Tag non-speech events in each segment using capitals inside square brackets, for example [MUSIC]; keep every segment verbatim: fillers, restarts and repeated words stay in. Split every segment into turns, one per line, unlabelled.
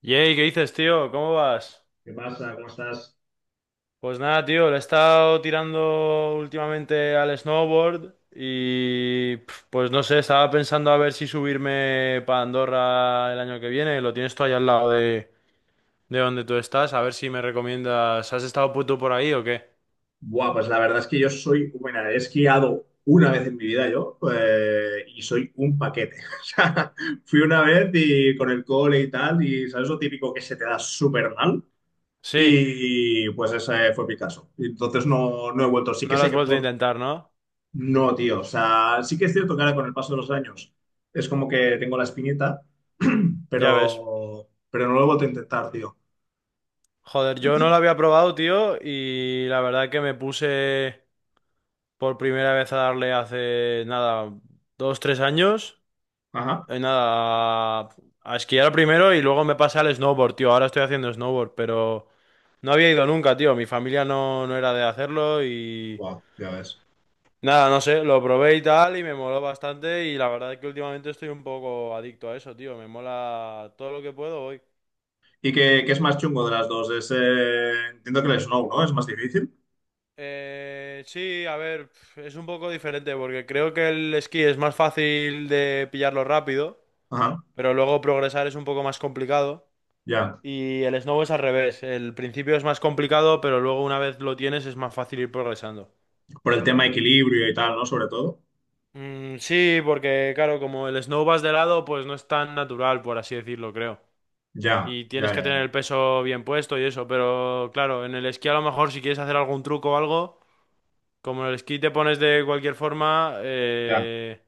Yey, ¿qué dices, tío? ¿Cómo vas?
¿Qué pasa? ¿Cómo estás?
Pues nada, tío, le he estado tirando últimamente al snowboard y pf, pues no sé, estaba pensando a ver si subirme para Andorra el año que viene. Lo tienes tú ahí al lado de, de donde tú estás, a ver si me recomiendas. ¿Has estado puto por ahí o qué?
Buah, pues la verdad es que yo soy, bueno, he esquiado una vez en mi vida yo eh, y soy un paquete. [LAUGHS] O sea, fui una vez y con el cole y tal, y sabes lo típico que se te da súper mal.
Sí,
Y pues ese fue mi caso. Y entonces no, no he vuelto. Sí
no
que
lo
sé
has
que
vuelto a
por...
intentar, ¿no?
No, tío. O sea, sí que es cierto que ahora con el paso de los años es como que tengo la espinita, [CLEARS THROAT]
Ya ves.
pero, pero no lo he vuelto a intentar, tío.
Joder, yo no lo había probado, tío, y la verdad que me puse por primera vez a darle hace nada, dos, tres años.
Ajá.
Eh, Nada, a esquiar primero y luego me pasé al snowboard, tío. Ahora estoy haciendo snowboard, pero no había ido nunca, tío. Mi familia no, no era de hacerlo y
Wow, ya ves.
nada, no sé, lo probé y tal y me moló bastante y la verdad es que últimamente estoy un poco adicto a eso, tío. Me mola todo lo que puedo hoy.
¿Y qué, qué es más chungo de las dos? Es, eh, entiendo que el snow, ¿no? Es más difícil.
Eh, sí, a ver, es un poco diferente porque creo que el esquí es más fácil de pillarlo rápido,
Ajá,
pero luego progresar es un poco más complicado.
ya.
Y el snow es al revés. El principio es más complicado, pero luego una vez lo tienes es más fácil ir progresando.
Por el tema equilibrio y tal, ¿no? Sobre todo.
Mm, sí, porque claro, como el snow vas de lado, pues no es tan natural, por así decirlo, creo.
Ya,
Y tienes
ya,
que
ya,
tener
ya.
el peso bien puesto y eso, pero claro, en el esquí a lo mejor si quieres hacer algún truco o algo, como en el esquí te pones de cualquier forma,
Ya.
eh,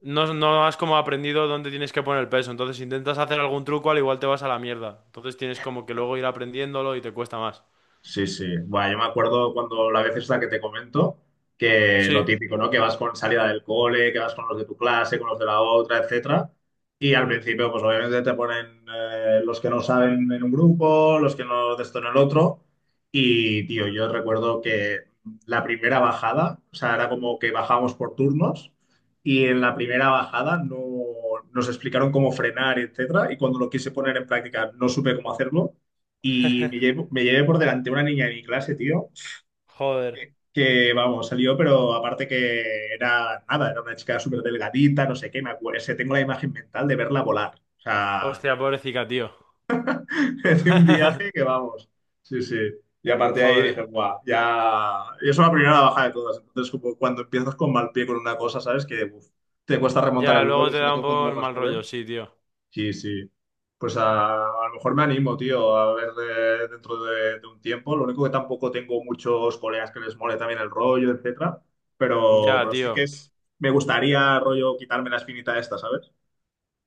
no, no has como aprendido dónde tienes que poner el peso. Entonces, si intentas hacer algún truco, al igual te vas a la mierda. Entonces tienes como que luego ir aprendiéndolo y te cuesta más.
Sí, sí. Bueno, yo me acuerdo cuando la vez esta que te comento, que lo
Sí.
típico, ¿no? Que vas con salida del cole, que vas con los de tu clase, con los de la otra, etcétera. Y al principio, pues obviamente te ponen eh, los que no saben en un grupo, los que no de esto en el otro. Y, tío, yo recuerdo que la primera bajada, o sea, era como que bajábamos por turnos y en la primera bajada no, nos explicaron cómo frenar, etcétera. Y cuando lo quise poner en práctica, no supe cómo hacerlo. Y me
[LAUGHS]
llevo- me llevé por delante una niña de mi clase, tío,
Joder.
que, que, vamos, salió, pero aparte que era nada, era una chica súper delgadita, no sé qué, me acuerdo, se tengo la imagen mental de verla volar. O sea,
Hostia, pobrecita, tío.
[LAUGHS] de un viaje que
[LAUGHS]
vamos. Sí, sí. Y aparte de ahí dije,
Joder.
guau, ya. Y eso es la primera baja de todas. Entonces, como cuando empiezas con mal pie con una cosa, ¿sabes? Que uf, te cuesta remontar
Ya,
el vuelo,
luego
y
te
sobre
da un
todo cuando
poco
eres
el
más
mal
joven.
rollo, sí, tío.
Sí, sí. Pues a, a lo mejor me animo, tío, a ver de- dentro de, de un tiempo. Lo único que tampoco tengo muchos colegas que les mole también el rollo, etcétera. Pero,
Ya,
pero sí
tío.
que es, me gustaría, rollo, quitarme la espinita esta, ¿sabes?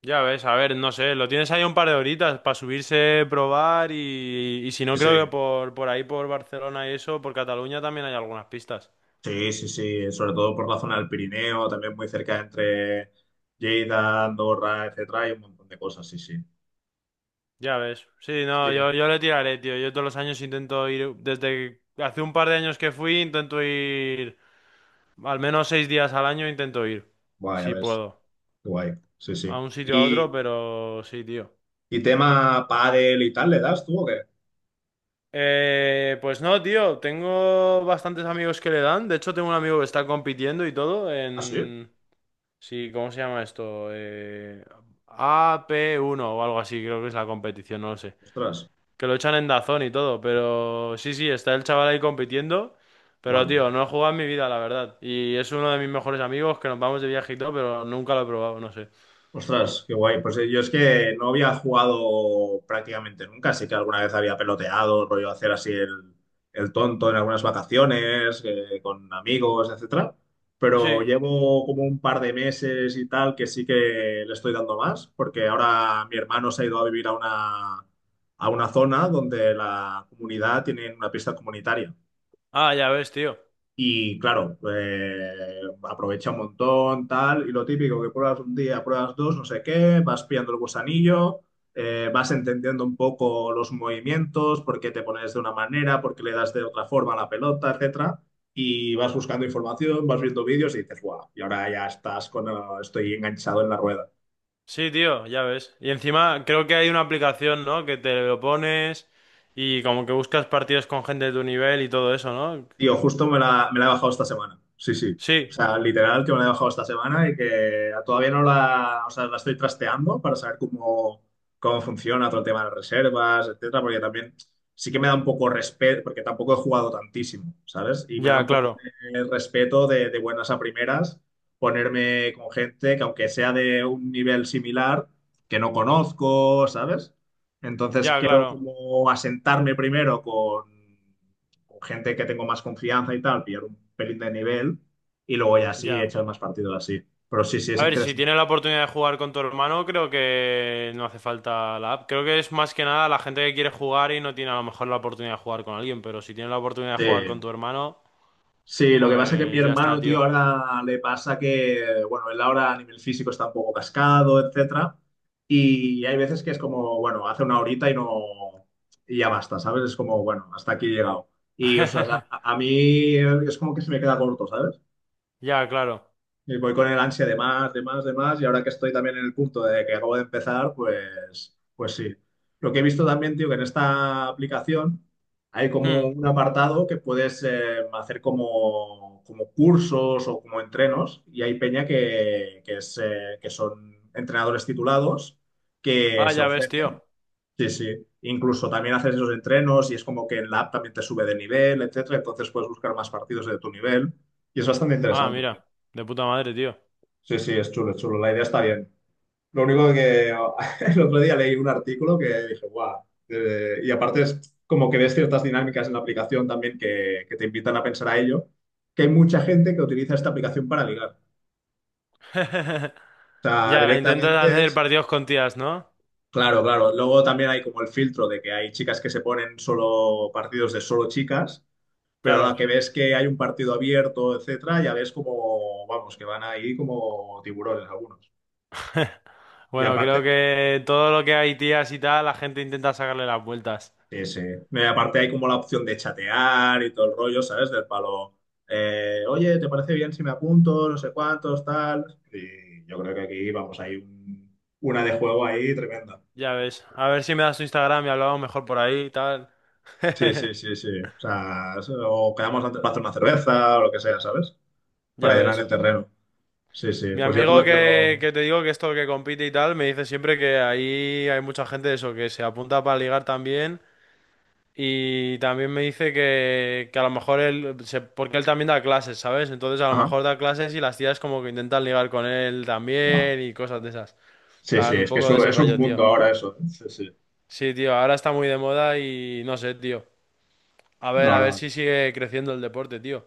Ya ves, a ver, no sé, lo tienes ahí un par de horitas para subirse, probar y, y si no,
Sí,
creo
sí,
que por, por ahí, por Barcelona y eso, por Cataluña también hay algunas pistas.
sí, sí, sí. Sobre todo por la zona del Pirineo, también muy cerca entre Lleida, Andorra, etcétera. Hay un montón de cosas, sí, sí.
Ya ves. Sí,
Sí.
no, yo, yo le tiraré, tío. Yo todos los años intento ir, desde que- hace un par de años que fui, intento ir, al menos seis días al año intento ir,
Guay, a
si
ver,
puedo,
guay. Sí,
a
sí.
un sitio a
Y,
otro, pero sí, tío.
y tema pádel y tal, ¿le das tú o qué?
Eh, pues no, tío, tengo bastantes amigos que le dan. De hecho, tengo un amigo que está compitiendo y todo
Ah, sí.
en... Sí, ¿cómo se llama esto? Eh, A P uno o algo así, creo que es la competición, no lo sé.
Ostras.
Que lo echan en Dazón y todo, pero sí, sí, está el chaval ahí compitiendo. Pero,
Guau, pues
tío, no he jugado en mi vida, la verdad. Y es uno de mis mejores amigos que nos vamos de viaje y todo, pero nunca lo he probado, no sé.
ostras, qué guay. Pues eh, yo es que no había jugado prácticamente nunca, así que alguna vez había peloteado, rollo hacer así el, el tonto en algunas vacaciones, eh, con amigos, etcétera. Pero
Sí.
llevo como un par de meses y tal que sí que le estoy dando más, porque ahora mi hermano se ha ido a vivir a una, a una zona donde la comunidad tiene una pista comunitaria.
Ah, ya ves, tío.
Y claro, eh, aprovecha un montón, tal, y lo típico que pruebas un día, pruebas dos, no sé qué, vas pillando el gusanillo, eh, vas entendiendo un poco los movimientos, por qué te pones de una manera, por qué le das de otra forma a la pelota, etcétera, y vas buscando información, vas viendo vídeos y dices, guau, y ahora ya estás con, eh, estoy enganchado en la rueda.
Sí, tío, ya ves. Y encima creo que hay una aplicación, ¿no? Que te lo pones y como que buscas partidos con gente de tu nivel y todo eso, ¿no?
Tío, justo me la, me la he bajado esta semana. Sí, sí. O
Sí,
sea, literal que me la he bajado esta semana y que todavía no la, o sea, la estoy trasteando para saber cómo, cómo funciona todo el tema de las reservas, etcétera, porque también sí que me da un poco respeto, porque tampoco he jugado tantísimo, ¿sabes? Y me da
ya,
un poco
claro.
de respeto de, de buenas a primeras ponerme con gente que aunque sea de un nivel similar, que no conozco, ¿sabes? Entonces
Ya,
quiero
claro.
como asentarme primero con con gente que tengo más confianza y tal, pillar un pelín de nivel y luego ya sí
Ya.
echar más partido así. Pero sí, sí, es
A ver, si tienes
interesante.
la oportunidad de jugar con tu hermano, creo que no hace falta la app. Creo que es más que nada la gente que quiere jugar y no tiene a lo mejor la oportunidad de jugar con alguien, pero si tienes la oportunidad de jugar con
Sí.
tu hermano,
Sí, lo que pasa es que mi
pues ya está,
hermano,
tío.
tío, ahora le pasa que, bueno, él ahora a nivel físico está un poco cascado, etcétera. Y hay veces que es como, bueno, hace una horita y no, y ya basta, ¿sabes? Es como, bueno, hasta aquí he llegado. Y, o sea, a,
[LAUGHS]
a mí es como que se me queda corto, ¿sabes?
Ya, claro.
Y voy con el ansia de más, de más, de más, y ahora que estoy también en el punto de que acabo de empezar, pues, pues sí. Lo que he visto también, tío, que en esta aplicación hay como
Hmm.
un apartado que puedes eh, hacer como, como cursos o como entrenos, y hay peña que, que, es, eh, que son entrenadores titulados que
Ah,
se
ya ves, tío.
ofrecen. Sí, sí. Incluso también haces esos entrenos y es como que en la app también te sube de nivel, etcétera. Entonces puedes buscar más partidos de tu nivel y es bastante
Ah,
interesante.
mira. De puta madre, tío.
Sí, sí, es chulo, es chulo. La idea está bien. Lo único que [LAUGHS] el otro día leí un artículo que dije, guau. Eh, y aparte es como que ves ciertas dinámicas en la aplicación también que, que te invitan a pensar a ello, que hay mucha gente que utiliza esta aplicación para ligar. O
[LAUGHS]
sea,
Ya, intentas
directamente
hacer
es...
partidos con tías, ¿no?
Claro, claro. Luego también hay como el filtro de que hay chicas que se ponen solo partidos de solo chicas, pero a la
Claro.
que ves que hay un partido abierto, etcétera, ya ves como, vamos, que van ahí como tiburones algunos.
[LAUGHS]
Y
Bueno, creo
aparte,
que todo lo que hay tías y tal, la gente intenta sacarle las vueltas.
sí, sí. No, y aparte hay como la opción de chatear y todo el rollo, ¿sabes? Del palo, eh, oye, ¿te parece bien si me apunto? No sé cuántos, tal. Y yo creo que aquí, vamos, hay un- una de juego ahí tremenda.
Ya ves. A ver si me das tu Instagram y hablamos mejor por ahí y tal.
Sí,
[LAUGHS]
sí, sí, sí. O sea, o quedamos antes para hacer una cerveza o lo que sea, ¿sabes? Para
Ya
llenar
ves.
el terreno. Sí, sí.
Mi
Pues ya, te
amigo
lo, ya
que,
lo...
que te digo que esto que compite y tal, me dice siempre que ahí hay mucha gente de eso, que se apunta para ligar también. Y también me dice que, que a lo mejor él, se- porque él también da clases, ¿sabes? Entonces a lo
Ajá.
mejor da clases y las tías como que intentan ligar con él
Guau.
también y cosas de esas.
Sí, sí,
Plan, un
es que es
poco de
un,
ese
es un
rollo, tío.
mundo ahora eso. ¿Eh? Sí, sí.
Sí, tío, ahora está muy de moda y no sé, tío. A ver,
No,
a ver
no.
si sigue creciendo el deporte, tío.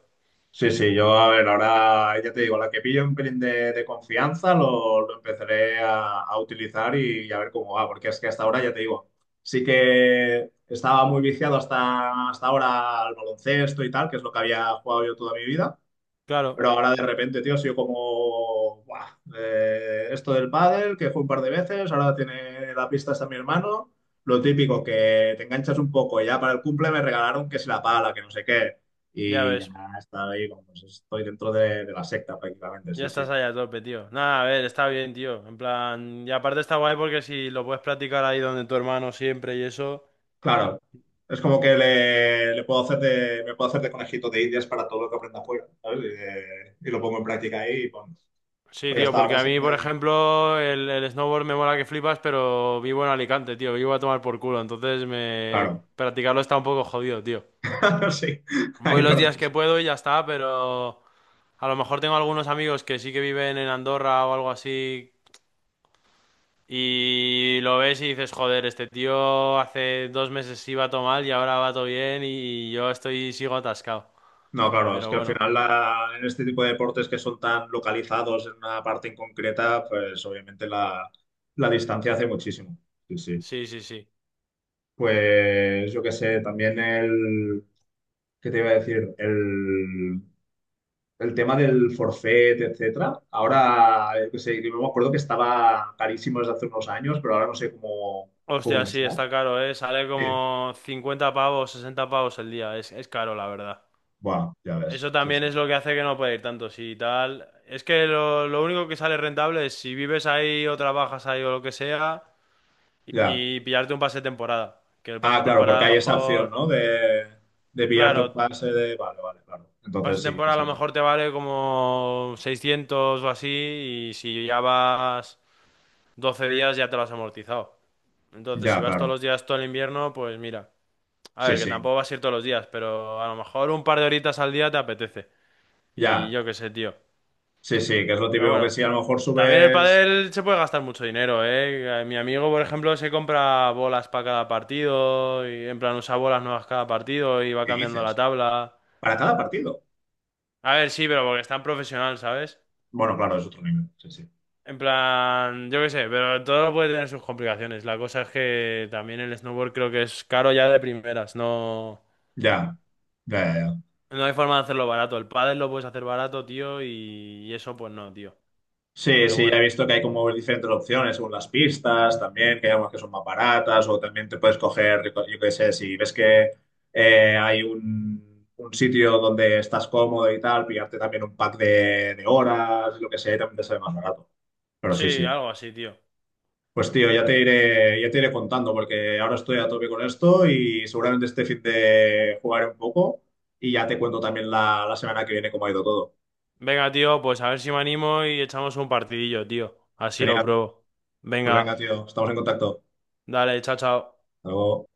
Sí, sí, yo a ver, ahora ya te digo, la que pillo un pelín de, de confianza lo, lo empezaré a, a utilizar y, y a ver cómo va, porque es que hasta ahora ya te digo, sí que estaba muy viciado hasta, hasta ahora al baloncesto y tal, que es lo que había jugado yo toda mi vida,
Claro,
pero ahora de repente, tío, ha sido como, "Buah, eh, esto del pádel, que fue un par de veces, ahora tiene la pista hasta mi hermano, lo típico, que te enganchas un poco, y ya para el cumple me regalaron que si la pala, que no sé qué,
ya
y ya
ves,
está ahí, como, pues, estoy dentro de, de la secta prácticamente,
ya
sí, sí.
estás ahí a tope, tío. Nada, a ver, está bien, tío. En plan, y aparte está guay porque si lo puedes practicar ahí donde tu hermano siempre y eso.
Claro, es como que le, le puedo hacer de, me puedo hacer de conejito de indias para todo lo que aprenda afuera, ¿sabes? Y, de- y lo pongo en práctica ahí, y, pon-
Sí,
porque
tío,
hasta
porque
ahora
a mí,
siempre,
por ejemplo, el, el snowboard me mola que flipas, pero vivo en Alicante, tío, vivo a tomar por culo, entonces me...
claro,
practicarlo está un poco jodido, tío.
[LAUGHS] sí,
Voy
ahí lo
los
ordené.
días que puedo y ya está, pero a lo mejor tengo algunos amigos que sí que viven en Andorra o algo así y lo ves y dices, joder, este tío hace dos meses iba todo mal y ahora va todo bien y yo estoy sigo atascado.
No, claro, es
Pero
que al
bueno,
final la- en este tipo de deportes que son tan localizados en una parte en concreta, pues obviamente la, la distancia hace muchísimo. Sí, sí.
sí, sí, sí.
Pues yo qué sé, también el, ¿qué te iba a decir? El, el tema del forfait, etcétera. Ahora, yo qué sé, yo me acuerdo que estaba carísimo desde hace unos años, pero ahora no sé cómo,
Hostia,
cómo
sí,
está.
está caro, ¿eh? Sale
Sí.
como cincuenta pavos, sesenta pavos el día. Es, es caro, la verdad.
Bueno, ya ves.
Eso
Sí,
también
sí.
es lo que hace que no pueda ir tanto, sí, tal. Es que lo, lo único que sale rentable es si vives ahí o trabajas ahí o lo que sea.
Ya.
Y pillarte un pase de temporada. Que el pase
Ah,
de
claro,
temporada
porque
a lo
hay esa opción,
mejor,
¿no? De, de pillarte un
claro,
pase de... Vale, vale, claro.
pase
Entonces
de
sí, que
temporada a lo
sale.
mejor te vale como seiscientos o así y si ya vas doce días ya te lo has amortizado. Entonces, si
Ya,
vas todos
claro.
los días todo el invierno, pues mira, a
Sí,
ver, que
sí.
tampoco vas a ir todos los días, pero a lo mejor un par de horitas al día te apetece. Y
Ya.
yo qué sé, tío.
Sí, sí, que es lo
Pero
típico que
bueno,
si a lo mejor
también el
subes...
pádel se puede gastar mucho dinero, ¿eh? Eh, Mi amigo, por ejemplo, se compra bolas para cada partido y en plan usa bolas nuevas cada partido y va
¿Qué
cambiando la
dices?
tabla.
Para cada partido.
A ver, sí, pero porque es tan profesional, ¿sabes?
Bueno, claro, es otro nivel. Sí, sí.
En plan, yo qué sé, pero todo puede tener sus complicaciones. La cosa es que también el snowboard creo que es caro ya de primeras, no,
Ya. Ya, ya, ya.
no hay forma de hacerlo barato. El pádel lo puedes hacer barato, tío, y y eso pues no, tío.
Sí,
Pero
sí, ya he
bueno,
visto que hay como diferentes opciones según las pistas, también, que hay algunas que son más baratas, o también te puedes coger, yo qué sé, si ves que eh, hay un, un sitio donde estás cómodo y tal, pillarte también un pack de, de horas, lo que sea, y también te sale más barato. Pero sí,
sí,
sí.
algo así, tío.
Pues tío, ya te iré, ya te iré contando, porque ahora estoy a tope con esto y seguramente este fin de jugaré un poco y ya te cuento también la, la semana que viene cómo ha ido todo.
Venga, tío, pues a ver si me animo y echamos un partidillo, tío. Así lo
Genial.
pruebo.
Pues venga,
Venga,
tío, estamos en contacto.
dale, chao, chao.
Hasta luego.